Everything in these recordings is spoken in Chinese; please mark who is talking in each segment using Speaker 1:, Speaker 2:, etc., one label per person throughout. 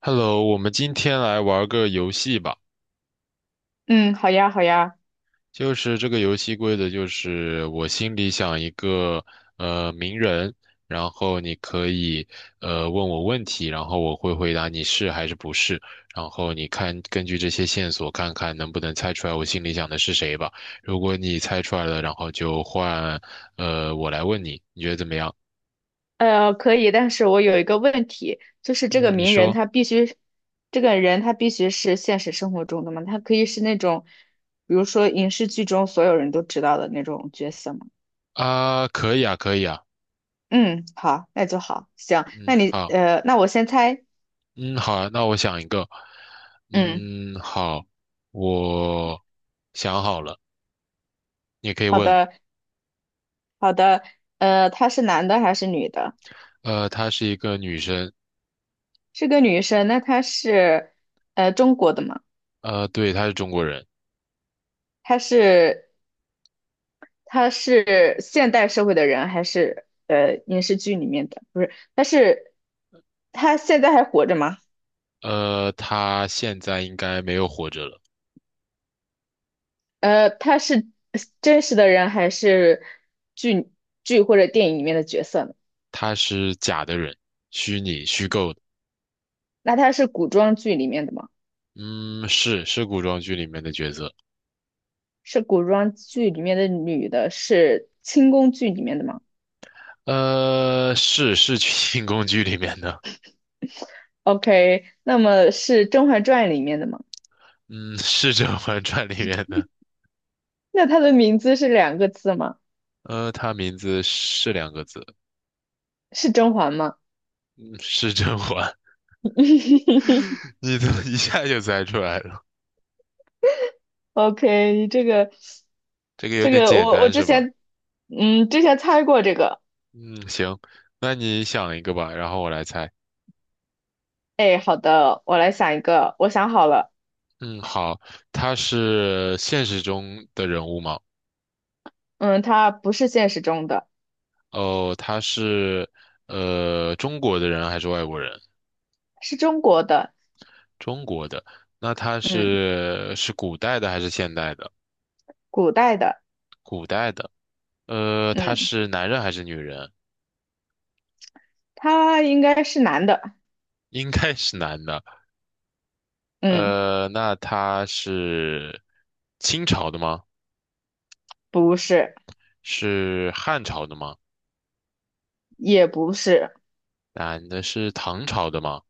Speaker 1: Hello，我们今天来玩个游戏吧。
Speaker 2: 嗯，好呀，好呀，
Speaker 1: 就是这个游戏规则就是，我心里想一个名人，然后你可以问我问题，然后我会回答你是还是不是，然后你看根据这些线索看看能不能猜出来我心里想的是谁吧。如果你猜出来了，然后就换我来问你，你觉得怎么样？
Speaker 2: 可以，但是我有一个问题，就是这
Speaker 1: 嗯，
Speaker 2: 个
Speaker 1: 你
Speaker 2: 名人
Speaker 1: 说。
Speaker 2: 他必须，这个人他必须是现实生活中的吗？他可以是那种，比如说影视剧中所有人都知道的那种角色吗？
Speaker 1: 啊，可以啊，可以啊。
Speaker 2: 嗯，好，那就好，行，那
Speaker 1: 嗯，
Speaker 2: 你，
Speaker 1: 好。
Speaker 2: 那我先猜，
Speaker 1: 嗯，好啊，那我想一个。
Speaker 2: 嗯，
Speaker 1: 嗯，好，我想好了，你也可以
Speaker 2: 好
Speaker 1: 问。
Speaker 2: 的，好的，他是男的还是女的？
Speaker 1: 她是一个女生。
Speaker 2: 是个女生，那她是，中国的吗？
Speaker 1: 对，她是中国人。
Speaker 2: 她是他是现代社会的人还是影视剧里面的？不是，他现在还活着吗？
Speaker 1: 她现在应该没有活着了。
Speaker 2: 他是真实的人还是剧剧或者电影里面的角色呢？
Speaker 1: 她是假的人，虚拟、虚构的。
Speaker 2: 那他是古装剧里面的吗？
Speaker 1: 嗯，是古装剧里面的角色。
Speaker 2: 是古装剧里面的女的，是清宫剧里面的吗
Speaker 1: 是清宫剧里面的。
Speaker 2: ？OK，那么是《甄嬛传》里面的吗？
Speaker 1: 嗯，是《甄嬛传》里面的。
Speaker 2: 那她的名字是两个字吗？
Speaker 1: 她名字是两个字。
Speaker 2: 是甄嬛吗？
Speaker 1: 嗯，是甄嬛。你怎么 一下就猜出来了？
Speaker 2: OK，你这个，
Speaker 1: 这个有
Speaker 2: 这
Speaker 1: 点
Speaker 2: 个
Speaker 1: 简
Speaker 2: 我我
Speaker 1: 单
Speaker 2: 之
Speaker 1: 是吧？
Speaker 2: 前嗯之前猜过这个。
Speaker 1: 嗯，行，那你想一个吧，然后我来猜。
Speaker 2: 哎，好的，我来想一个，我想好了。
Speaker 1: 嗯，好，他是现实中的人物吗？
Speaker 2: 嗯，他不是现实中的，
Speaker 1: 哦，他是中国的人还是外国人？
Speaker 2: 是中国的，
Speaker 1: 中国的。那他
Speaker 2: 嗯，
Speaker 1: 是古代的还是现代的？
Speaker 2: 古代的，
Speaker 1: 古代的。他
Speaker 2: 嗯，
Speaker 1: 是男人还是女人？
Speaker 2: 他应该是男的，
Speaker 1: 应该是男的。
Speaker 2: 嗯，
Speaker 1: 那他是清朝的吗？
Speaker 2: 不是，
Speaker 1: 是汉朝的吗？
Speaker 2: 也不是，
Speaker 1: 男的是唐朝的吗？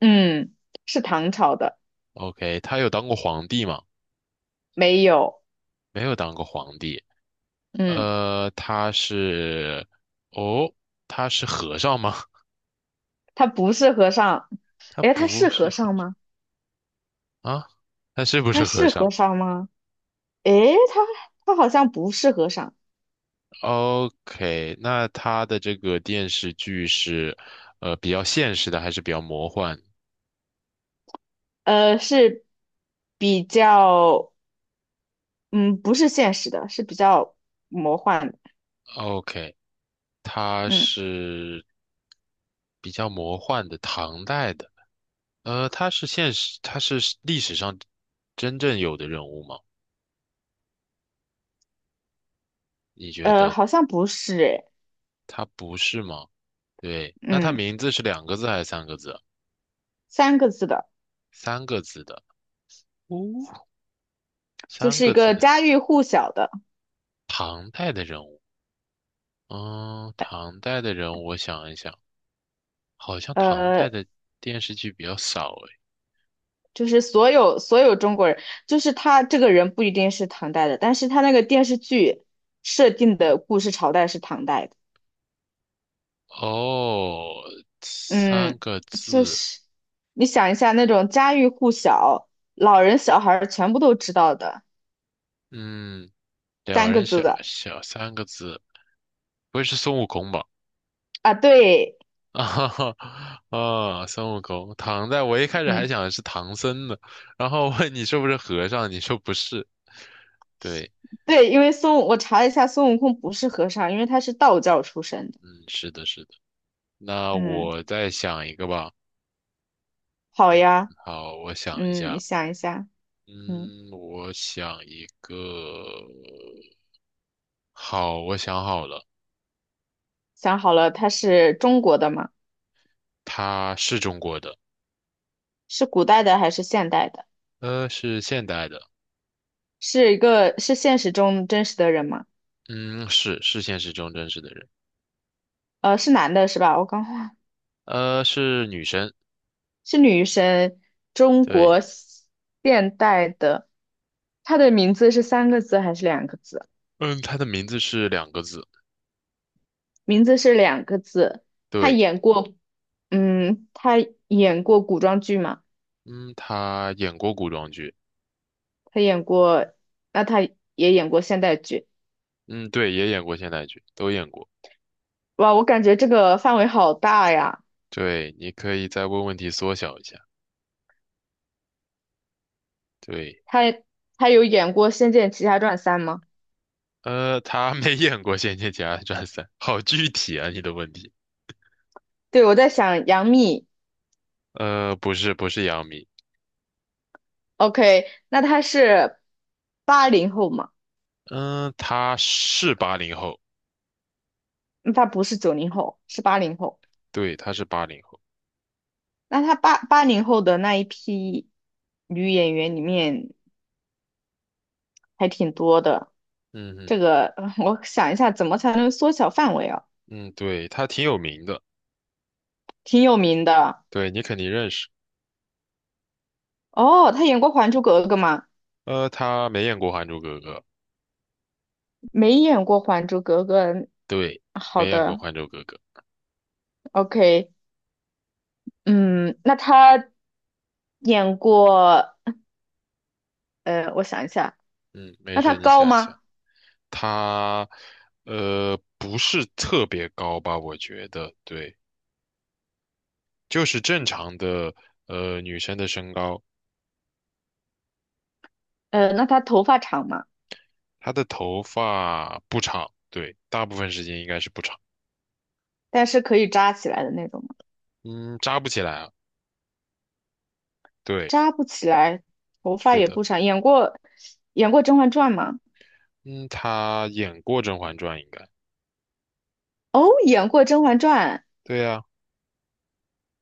Speaker 2: 嗯，是唐朝的，
Speaker 1: OK，他有当过皇帝吗？
Speaker 2: 没有，
Speaker 1: 没有当过皇帝。
Speaker 2: 嗯，
Speaker 1: 呃，他是，哦，他是和尚吗？
Speaker 2: 他不是和尚。
Speaker 1: 他
Speaker 2: 哎，他
Speaker 1: 不
Speaker 2: 是
Speaker 1: 是
Speaker 2: 和
Speaker 1: 和
Speaker 2: 尚吗？
Speaker 1: 啊，他是不是
Speaker 2: 他
Speaker 1: 和
Speaker 2: 是
Speaker 1: 尚
Speaker 2: 和尚吗？哎，他他好像不是和尚。
Speaker 1: ？OK，那他的这个电视剧是，比较现实的还是比较魔幻
Speaker 2: 是比较，嗯，不是现实的，是比较魔幻的，
Speaker 1: ？OK，他
Speaker 2: 嗯，
Speaker 1: 是比较魔幻的，唐代的。他是历史上真正有的人物吗？你觉得
Speaker 2: 好像不是，诶，
Speaker 1: 他不是吗？对，那他
Speaker 2: 嗯，
Speaker 1: 名字是两个字还是三个字啊，
Speaker 2: 三个字的，
Speaker 1: 三个字的。哦，
Speaker 2: 就
Speaker 1: 三
Speaker 2: 是一
Speaker 1: 个字
Speaker 2: 个
Speaker 1: 的，
Speaker 2: 家喻户晓的，
Speaker 1: 唐代的人物。嗯，唐代的人物，我想一想，好像唐
Speaker 2: 呃，
Speaker 1: 代的电视剧比较少诶。
Speaker 2: 就是所有中国人，就是他这个人不一定是唐代的，但是他那个电视剧设定的故事朝代是唐代的，
Speaker 1: 哦，三
Speaker 2: 嗯，
Speaker 1: 个
Speaker 2: 就
Speaker 1: 字。
Speaker 2: 是你想一下那种家喻户晓，老人小孩儿全部都知道的，
Speaker 1: 嗯，两
Speaker 2: 三个
Speaker 1: 人
Speaker 2: 字
Speaker 1: 小
Speaker 2: 的
Speaker 1: 小三个字，不会是孙悟空吧？
Speaker 2: 啊，对。
Speaker 1: 啊哈哈，啊，孙悟空，唐代，我一开始还
Speaker 2: 嗯。
Speaker 1: 想的是唐僧呢，然后问你是不是和尚，你说不是，对。
Speaker 2: 对，因为我查了一下，孙悟空不是和尚，因为他是道教出身的。
Speaker 1: 嗯，是的，是的。那
Speaker 2: 嗯，
Speaker 1: 我再想一个吧。
Speaker 2: 好呀，
Speaker 1: 好，我想一
Speaker 2: 嗯，你
Speaker 1: 下。
Speaker 2: 想一下，嗯，
Speaker 1: 嗯，我想一个。好，我想好了，
Speaker 2: 想好了，他是中国的吗？
Speaker 1: 他是中国的。
Speaker 2: 是古代的还是现代的？
Speaker 1: 是现代的。
Speaker 2: 是一个是现实中真实的人吗？
Speaker 1: 嗯，是现实中真实的人。
Speaker 2: 是男的是吧？我刚忘，
Speaker 1: 是女生。
Speaker 2: 是女生，中国
Speaker 1: 对。
Speaker 2: 现代的。他的名字是三个字还是两个字？
Speaker 1: 嗯，她的名字是两个字。
Speaker 2: 名字是两个字。他
Speaker 1: 对。
Speaker 2: 演过，他演过古装剧吗？
Speaker 1: 嗯，她演过古装剧。
Speaker 2: 他演过，那他也演过现代剧，
Speaker 1: 嗯，对，也演过现代剧，都演过。
Speaker 2: 哇，我感觉这个范围好大呀。
Speaker 1: 对，你可以再问问题缩小一下，对。
Speaker 2: 他他有演过《仙剑奇侠传三》吗？
Speaker 1: 他没演过《仙剑奇侠传三》，好具体啊，你的问题。
Speaker 2: 对，我在想杨幂
Speaker 1: 不是，不是杨幂。
Speaker 2: ，OK，那他是八零后嘛？
Speaker 1: 嗯，他是八零后。
Speaker 2: 那他不是九零后，是八零后。
Speaker 1: 对，他是八零后。
Speaker 2: 那他八零后的那一批女演员里面还挺多的。
Speaker 1: 嗯嗯
Speaker 2: 这个我想一下，怎么才能缩小范围啊？
Speaker 1: 嗯。对，他挺有名的，
Speaker 2: 挺有名的
Speaker 1: 对，你肯定认识。
Speaker 2: 哦，他演过《还珠格格》吗？
Speaker 1: 他没演过《还珠格格》。
Speaker 2: 没演过《还珠格格》。
Speaker 1: 对，
Speaker 2: 好
Speaker 1: 没演过
Speaker 2: 的
Speaker 1: 《还珠格格》。
Speaker 2: ，OK，嗯，那他演过，呃，我想一下，
Speaker 1: 嗯，没
Speaker 2: 那他
Speaker 1: 事，你
Speaker 2: 高
Speaker 1: 想一想。
Speaker 2: 吗？
Speaker 1: 他，不是特别高吧？我觉得，对，就是正常的，女生的身高。
Speaker 2: 那他头发长吗？
Speaker 1: 它的头发不长，对，大部分时间应该是不长。
Speaker 2: 但是可以扎起来的那种吗？
Speaker 1: 嗯，扎不起来啊。对，
Speaker 2: 扎不起来，头发
Speaker 1: 是
Speaker 2: 也
Speaker 1: 的。
Speaker 2: 不长。演过《甄嬛传》吗？
Speaker 1: 嗯，他演过《甄嬛传》应该。
Speaker 2: 哦，演过《甄嬛传》。
Speaker 1: 对呀，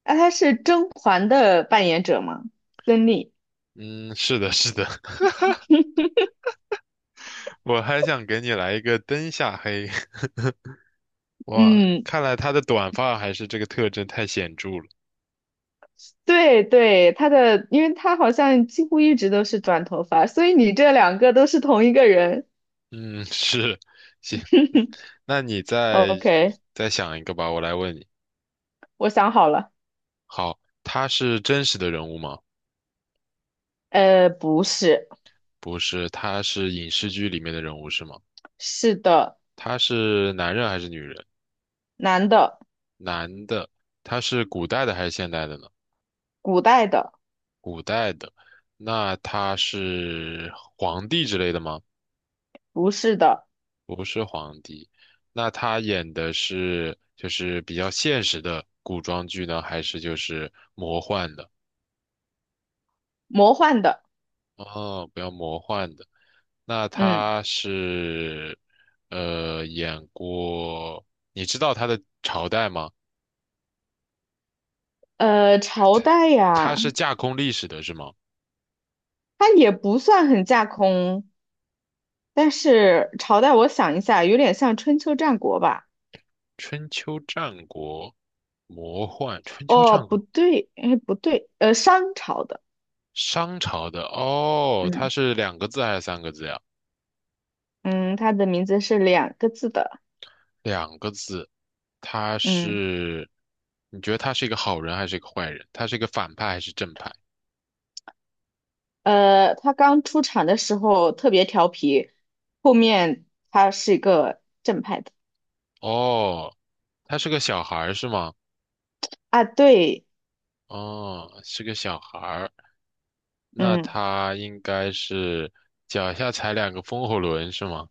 Speaker 2: 那他是甄嬛的扮演者吗？孙俪。
Speaker 1: 嗯，是的，是的。我还想给你来一个灯下黑。哇，
Speaker 2: 嗯，
Speaker 1: 看来他的短发还是这个特征太显著了。
Speaker 2: 对对，他的，因为他好像几乎一直都是短头发，所以你这两个都是同一个人。
Speaker 1: 嗯，是，行。嗯，那你再
Speaker 2: OK，
Speaker 1: 再想一个吧，我来问你。
Speaker 2: 我想好了，
Speaker 1: 好，他是真实的人物吗？
Speaker 2: 不是，
Speaker 1: 不是，他是影视剧里面的人物是吗？
Speaker 2: 是的，
Speaker 1: 他是男人还是女人？
Speaker 2: 男的，
Speaker 1: 男的。他是古代的还是现代的呢？
Speaker 2: 古代的，
Speaker 1: 古代的。那他是皇帝之类的吗？
Speaker 2: 不是的，
Speaker 1: 不是皇帝。那他演的是就是比较现实的古装剧呢，还是就是魔幻的？
Speaker 2: 魔幻的，
Speaker 1: 哦，比较魔幻的。那
Speaker 2: 嗯，
Speaker 1: 他是演过，你知道他的朝代吗？
Speaker 2: 朝代
Speaker 1: 他
Speaker 2: 呀，
Speaker 1: 是架空历史的是吗？
Speaker 2: 它也不算很架空，但是朝代我想一下，有点像春秋战国吧？
Speaker 1: 春秋战国，魔幻，春秋
Speaker 2: 哦，
Speaker 1: 战
Speaker 2: 不
Speaker 1: 国。
Speaker 2: 对，哎，不对，商朝的，
Speaker 1: 商朝的哦，他
Speaker 2: 嗯
Speaker 1: 是两个字还是三个字呀？
Speaker 2: 嗯，它的名字是两个字的，
Speaker 1: 两个字。他
Speaker 2: 嗯，
Speaker 1: 是，你觉得他是一个好人还是一个坏人？他是一个反派还是正派？
Speaker 2: 它刚出场的时候特别调皮，后面它是一个正派的。
Speaker 1: 哦，他是个小孩儿是吗？
Speaker 2: 啊，对，
Speaker 1: 哦，是个小孩儿，那
Speaker 2: 嗯，
Speaker 1: 他应该是脚下踩两个风火轮是吗？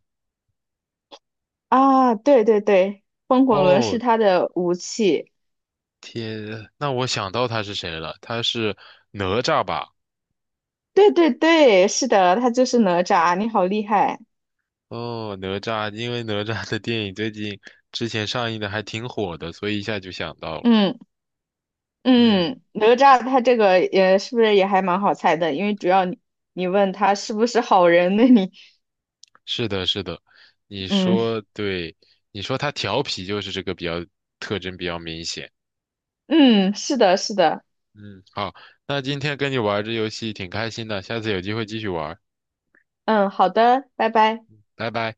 Speaker 2: 啊，对对对，风火轮
Speaker 1: 哦，
Speaker 2: 是他的武器，
Speaker 1: 天，那我想到他是谁了，他是哪吒吧？
Speaker 2: 对对对，是的，他就是哪吒，你好厉害，
Speaker 1: 哦，哪吒，因为哪吒的电影最近之前上映的还挺火的，所以一下就想到了。
Speaker 2: 嗯
Speaker 1: 嗯，
Speaker 2: 嗯，哪吒他这个也是不是也还蛮好猜的，因为主要你问他是不是好人，那你
Speaker 1: 是的，是的，你
Speaker 2: 嗯
Speaker 1: 说对，你说他调皮就是这个比较特征比较明显。
Speaker 2: 嗯，是的，是的，
Speaker 1: 嗯，好，那今天跟你玩儿这游戏挺开心的，下次有机会继续玩儿。
Speaker 2: 嗯，好的，拜拜。
Speaker 1: 拜拜。